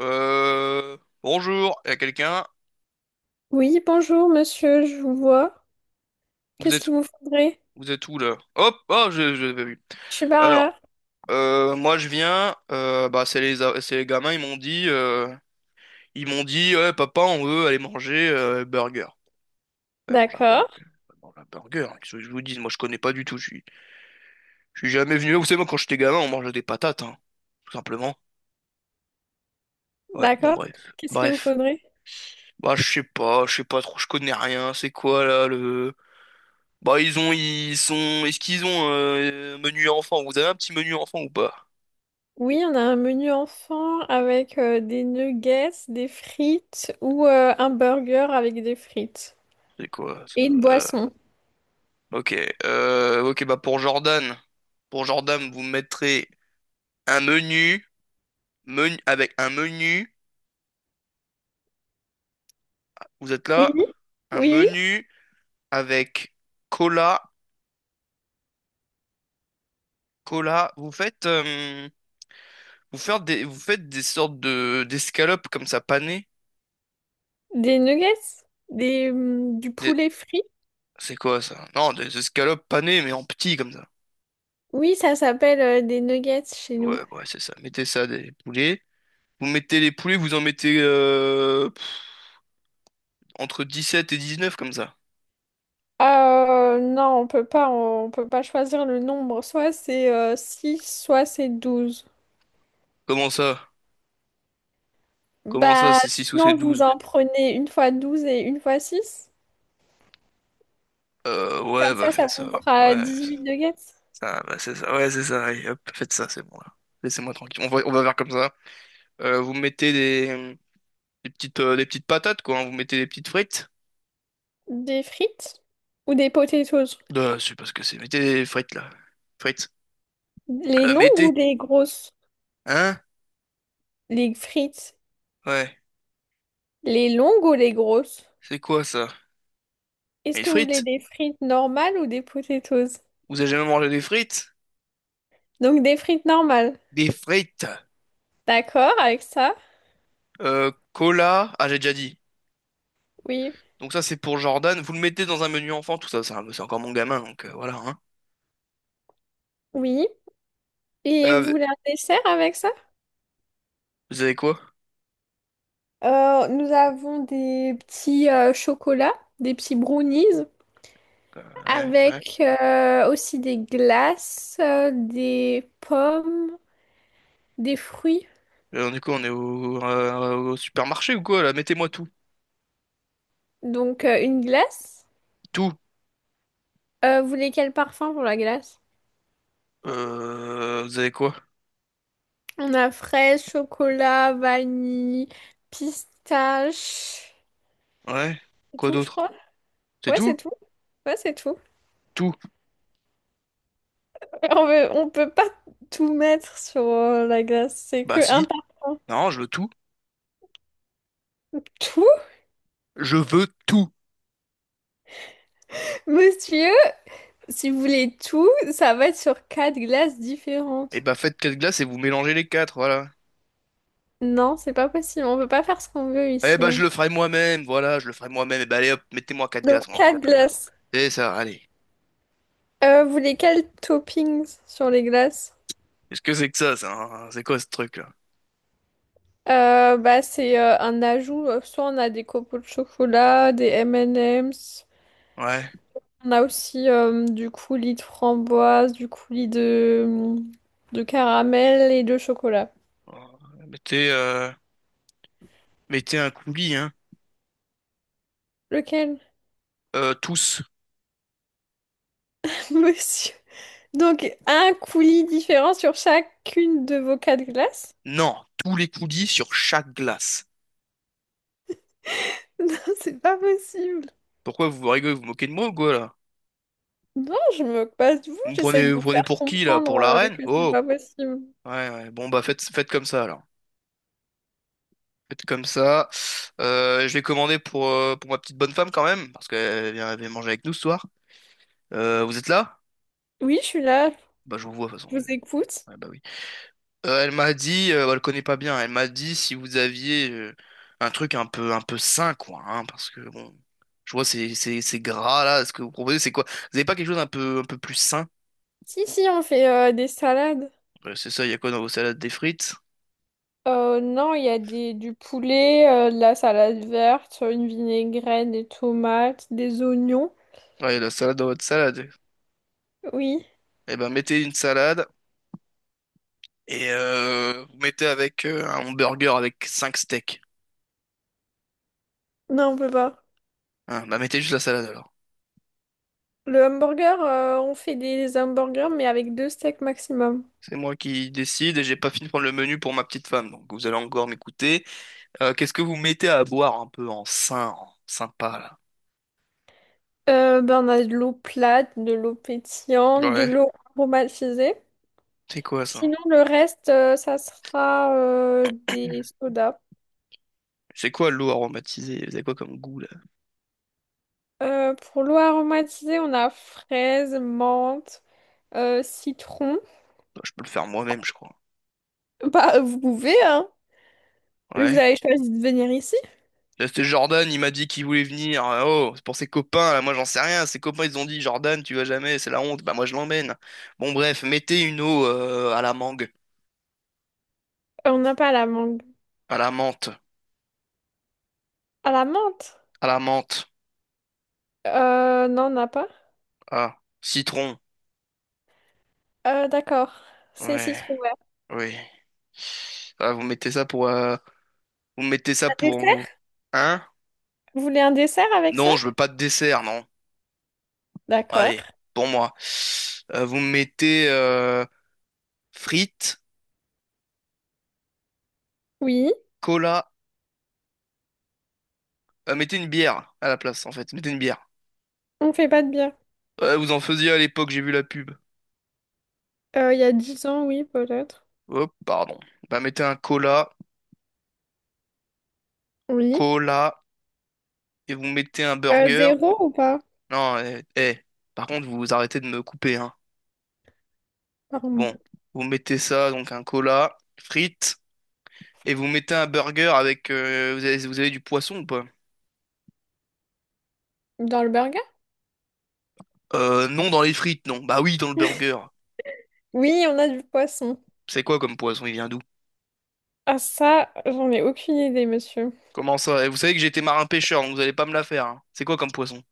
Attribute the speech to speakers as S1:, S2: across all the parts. S1: Euh, Bonjour, il y a quelqu'un.
S2: Oui, bonjour monsieur, je vous vois.
S1: Vous
S2: Qu'est-ce
S1: êtes,
S2: qu'il vous faudrait?
S1: vous êtes où là? Hop, oh, je l'avais vu.
S2: Je suis par
S1: Alors,
S2: là.
S1: moi je viens. Bah, c'est les gamins. Ils m'ont dit, ouais, papa, on veut aller manger burger. Ouais, manger un burger.
S2: D'accord,
S1: Ouais, manger un burger, hein. Qu'est-ce que je vous dis? Moi, je connais pas du tout. Je suis jamais venu là. Vous savez, moi, quand j'étais gamin, on mangeait des patates, hein, tout simplement. Ouais. Bon,
S2: d'accord.
S1: bref,
S2: Qu'est-ce qu'il vous
S1: bref.
S2: faudrait?
S1: Bah, je sais pas trop. Je connais rien. C'est quoi là le Bah, ils ont ils sont est-ce qu'ils ont un menu enfant? Vous avez un petit menu enfant ou pas?
S2: Oui, on a un menu enfant avec des nuggets, des frites ou un burger avec des frites.
S1: C'est quoi
S2: Et
S1: ça?
S2: une
S1: Euh,
S2: boisson.
S1: Ok, ok bah, pour Jordan vous mettrez un menu, avec un menu. Vous êtes
S2: Oui,
S1: là? Un
S2: oui, oui.
S1: menu avec cola, vous faites, vous faites des sortes de d'escalopes comme ça, panées.
S2: Des nuggets? Des, du
S1: Des-
S2: poulet frit?
S1: c'est quoi ça? Non, des escalopes panées, mais en petit comme ça.
S2: Oui, ça s'appelle des nuggets chez
S1: Ouais,
S2: nous.
S1: ouais, c'est ça, mettez ça, des poulets. Vous mettez les poulets, vous en mettez, entre 17 et neuf comme ça.
S2: Non, on peut pas, on peut pas choisir le nombre. Soit c'est six, soit c'est douze.
S1: Comment ça? Comment ça,
S2: Bah,
S1: c'est 6 ou c'est
S2: sinon, vous
S1: 12?
S2: en prenez une fois 12 et une fois six.
S1: Ouais,
S2: Comme
S1: bah,
S2: ça,
S1: faites
S2: ça
S1: ça.
S2: vous fera
S1: Ouais, ça,
S2: 18 nuggets.
S1: ça, bah, c'est ça. Ouais, c'est ça. Allez, hop, faites ça, c'est bon là. Laissez-moi tranquille. On va faire comme ça. Vous mettez des petites patates, quoi, hein. Vous mettez des petites frites.
S2: Des frites ou des potatoes?
S1: Je sais pas ce que c'est. Mettez des frites là. Frites.
S2: Les longues ou
S1: Mettez.
S2: les grosses?
S1: Hein?
S2: Les frites.
S1: Ouais.
S2: Les longues ou les grosses?
S1: C'est quoi ça?
S2: Est-ce
S1: Des
S2: que vous voulez
S1: frites?
S2: des frites normales ou des potatoes?
S1: Vous avez jamais mangé des frites?
S2: Donc, des frites normales.
S1: Des frites.
S2: D'accord avec ça?
S1: Cola. Ah, j'ai déjà dit.
S2: Oui.
S1: Donc ça, c'est pour Jordan. Vous le mettez dans un menu enfant, tout ça, c'est encore mon gamin, donc, voilà, hein.
S2: Oui. Et vous
S1: Euh,
S2: voulez un dessert avec ça?
S1: Vous avez quoi?
S2: Nous avons des petits chocolats, des petits brownies.
S1: Euh, ouais, ouais.
S2: Avec aussi des glaces, des pommes, des fruits.
S1: Du coup, on est au supermarché ou quoi, là? Mettez-moi tout.
S2: Donc une glace.
S1: Tout.
S2: Vous voulez quel parfum pour la glace?
S1: Vous avez quoi?
S2: On a fraise, chocolat, vanille, pistache.
S1: Ouais.
S2: C'est
S1: Quoi
S2: tout, je
S1: d'autre?
S2: crois.
S1: C'est
S2: Ouais, c'est
S1: tout?
S2: tout. Ouais, c'est tout.
S1: Tout.
S2: On peut pas tout mettre sur la glace. C'est que
S1: Bah
S2: un
S1: si.
S2: parfum.
S1: Non, je veux tout.
S2: Tout,
S1: Je veux tout.
S2: monsieur, si vous voulez tout, ça va être sur quatre glaces
S1: Et
S2: différentes.
S1: bah, faites quatre glaces et vous mélangez les quatre, voilà.
S2: Non, c'est pas possible. On peut pas faire ce qu'on veut
S1: Eh
S2: ici,
S1: bah, je
S2: hein.
S1: le ferai moi-même, voilà, je le ferai moi-même. Et bah, allez hop, mettez-moi quatre
S2: Donc,
S1: glaces, on n'en parle
S2: quatre
S1: plus là.
S2: glaces.
S1: Et ça, allez.
S2: Vous voulez quels toppings sur les glaces?
S1: Qu'est-ce que c'est que ça, hein? C'est quoi ce truc là?
S2: Bah, c'est un ajout. Soit on a des copeaux de chocolat, des M&M's.
S1: Ouais.
S2: On a aussi du coulis de framboise, du coulis de caramel et de chocolat.
S1: Alors, Mettez, euh, mettez un coulis, hein.
S2: Lequel,
S1: Tous.
S2: monsieur? Donc, un coulis différent sur chacune de vos quatre glaces?
S1: Non, tous les coulis sur chaque glace.
S2: Non, c'est pas possible.
S1: Pourquoi vous rigolez, vous vous moquez de moi ou quoi là?
S2: Non, je me moque pas de vous, j'essaye de
S1: Vous
S2: vous
S1: prenez
S2: faire
S1: pour qui là?
S2: comprendre
S1: Pour la reine?
S2: que c'est
S1: Oh!
S2: pas possible.
S1: Ouais, ouais, bon, bah, faites comme ça alors. Faites comme ça. Je vais commander pour ma petite bonne femme quand même, parce qu'elle vient manger avec nous ce soir. Vous êtes là?
S2: Oui, je suis là,
S1: Bah, je vous vois de toute façon.
S2: je vous écoute.
S1: Ouais, bah oui. Elle m'a dit, elle connaît pas bien. Elle m'a dit si vous aviez un truc un peu sain, quoi, hein, parce que bon, je vois, c'est gras là. Ce que vous proposez, c'est quoi? Vous avez pas quelque chose un peu plus sain?
S2: Si, si, on fait des salades.
S1: Ouais, c'est ça, il y a quoi dans vos salades? Des frites?
S2: Non, il y a des, du poulet, de la salade verte, une vinaigrette, des tomates, des oignons.
S1: Ouais, la salade dans votre salade.
S2: Oui.
S1: Eh ben, mettez une salade et, vous mettez avec un hamburger avec 5 steaks.
S2: Non, on peut pas.
S1: Hein, bah mettez juste la salade alors.
S2: Le hamburger, on fait des hamburgers, mais avec deux steaks maximum.
S1: C'est moi qui décide et j'ai pas fini de prendre le menu pour ma petite femme, donc vous allez encore m'écouter. Qu'est-ce que vous mettez à boire un peu en sain, en sympa là?
S2: Ben, on a de l'eau plate, de l'eau pétillante, de
S1: Ouais,
S2: l'eau aromatisée.
S1: c'est quoi ça?
S2: Sinon, le reste, ça sera des sodas.
S1: C'est quoi l'eau aromatisée? C'est quoi comme goût là?
S2: Pour l'eau aromatisée, on a fraise, menthe, citron.
S1: Non, je peux le faire moi-même, je crois.
S2: Bah, vous pouvez, hein. Mais vous
S1: Ouais.
S2: avez choisi de venir ici.
S1: Là, c'était Jordan, il m'a dit qu'il voulait venir. Oh, c'est pour ses copains, là, moi j'en sais rien. Ses copains, ils ont dit, Jordan, tu vas jamais, c'est la honte. Bah, moi je l'emmène. Bon, bref, mettez une eau, à la mangue,
S2: On n'a pas la mangue.
S1: à la menthe,
S2: À la menthe?
S1: à la menthe,
S2: Non, on n'a pas.
S1: ah, citron.
S2: D'accord. C'est
S1: Ouais,
S2: citron vert.
S1: oui. Ah, vous mettez ça pour, vous mettez ça
S2: Un
S1: pour. vous-
S2: dessert?
S1: Hein?
S2: Vous voulez un dessert avec
S1: Non,
S2: ça?
S1: je veux pas de dessert, non.
S2: D'accord.
S1: Allez, pour moi. Vous mettez, frites,
S2: Oui.
S1: cola. Mettez une bière à la place, en fait. Mettez une bière.
S2: On fait pas de bière.
S1: Vous en faisiez à l'époque, j'ai vu la pub.
S2: Il y a 10 ans, oui, peut-être.
S1: Hop, pardon. Bah, mettez un cola,
S2: Oui.
S1: cola, et vous mettez un burger.
S2: Zéro ou pas?
S1: Non, eh, eh. Par contre, vous vous arrêtez de me couper, hein.
S2: Pardon.
S1: Bon, vous mettez ça, donc un cola, frites, et vous mettez un burger avec, vous avez du poisson ou pas?
S2: Dans le burger?
S1: Non, dans les frites, non. Bah oui, dans le burger.
S2: Oui, on a du poisson.
S1: C'est quoi comme poisson? Il vient d'où?
S2: Ah ça, j'en ai aucune idée, monsieur.
S1: Comment ça? Eh, vous savez que j'étais marin pêcheur, donc vous allez pas me la faire, hein. C'est quoi comme poisson?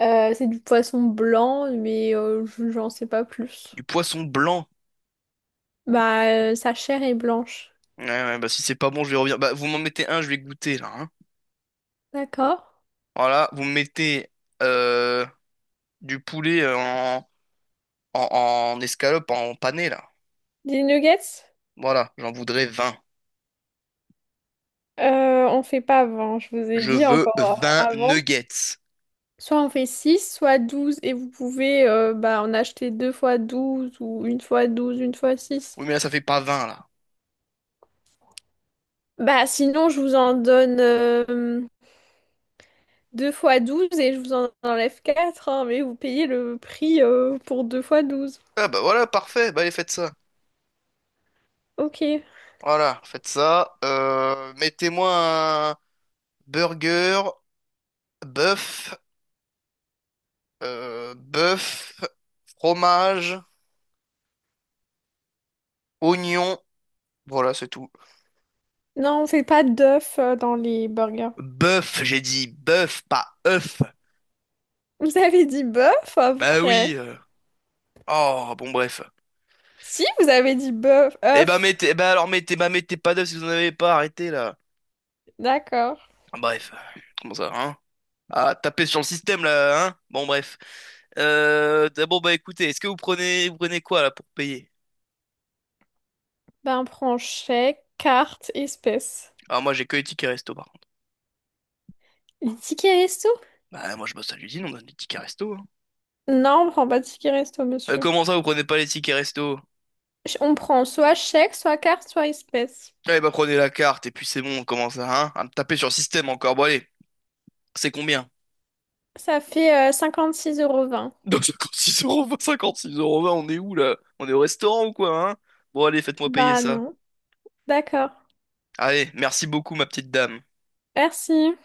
S2: C'est du poisson blanc, mais j'en sais pas plus.
S1: Du poisson blanc.
S2: Bah, sa chair est blanche.
S1: Ouais, ouais, bah si c'est pas bon, je vais revenir. Bah, vous m'en mettez un, je vais goûter là, hein.
S2: D'accord.
S1: Voilà, vous me mettez, euh, du poulet, en, en escalope, en pané là.
S2: Des nuggets?
S1: Voilà, j'en voudrais 20.
S2: On fait pas avant, je vous ai
S1: Je
S2: dit
S1: veux
S2: encore
S1: 20
S2: avant.
S1: nuggets.
S2: Soit on fait 6, soit 12, et vous pouvez en acheter deux fois 12 ou une fois 12, une fois 6.
S1: Oui, mais là, ça fait pas 20 là.
S2: Bah, sinon, je vous en donne deux fois 12 et je vous en enlève 4, hein, mais vous payez le prix pour deux fois douze.
S1: Ah bah voilà, parfait, bah allez, faites ça.
S2: Ok.
S1: Voilà, faites ça. Mettez-moi un burger, bœuf, bœuf, fromage, oignon. Voilà, c'est tout.
S2: Non, on fait pas d'œufs dans les burgers.
S1: Bœuf, j'ai dit bœuf, pas œuf.
S2: Vous avez dit bœuf
S1: Bah oui.
S2: après?
S1: Oh, bon, bref.
S2: Si, vous avez dit bœuf,
S1: Eh bah,
S2: œuf.
S1: eh bah alors, bah, mettez pas d'œufs si vous n'en avez pas, arrêtez, là.
S2: D'accord.
S1: Ah, bref. Comment ça, hein? Ah, tapez sur le système, là, hein? Bon, bref. D'abord, bah, écoutez, est-ce que vous prenez quoi, là, pour payer?
S2: Ben, on prend chèque, carte, espèce.
S1: Ah, moi, j'ai que les tickets resto, par contre.
S2: Les tickets resto?
S1: Bah, moi, je bosse à l'usine, on donne des tickets resto, hein.
S2: Non, on prend pas de ticket resto, monsieur.
S1: Comment ça, vous prenez pas les tickets resto?
S2: On prend soit chèque, soit carte, soit espèce.
S1: Eh bah, prenez la carte, et puis c'est bon, comment ça, hein? Ah, tapez sur le système encore, bon, allez. C'est combien?
S2: Ça fait 6 euros vingt.
S1: Donc 56 euros, 56 euros, on est où là? On est au restaurant ou quoi, hein? Bon, allez, faites-moi payer
S2: Bah
S1: ça.
S2: non. D'accord.
S1: Allez, merci beaucoup, ma petite dame.
S2: Merci.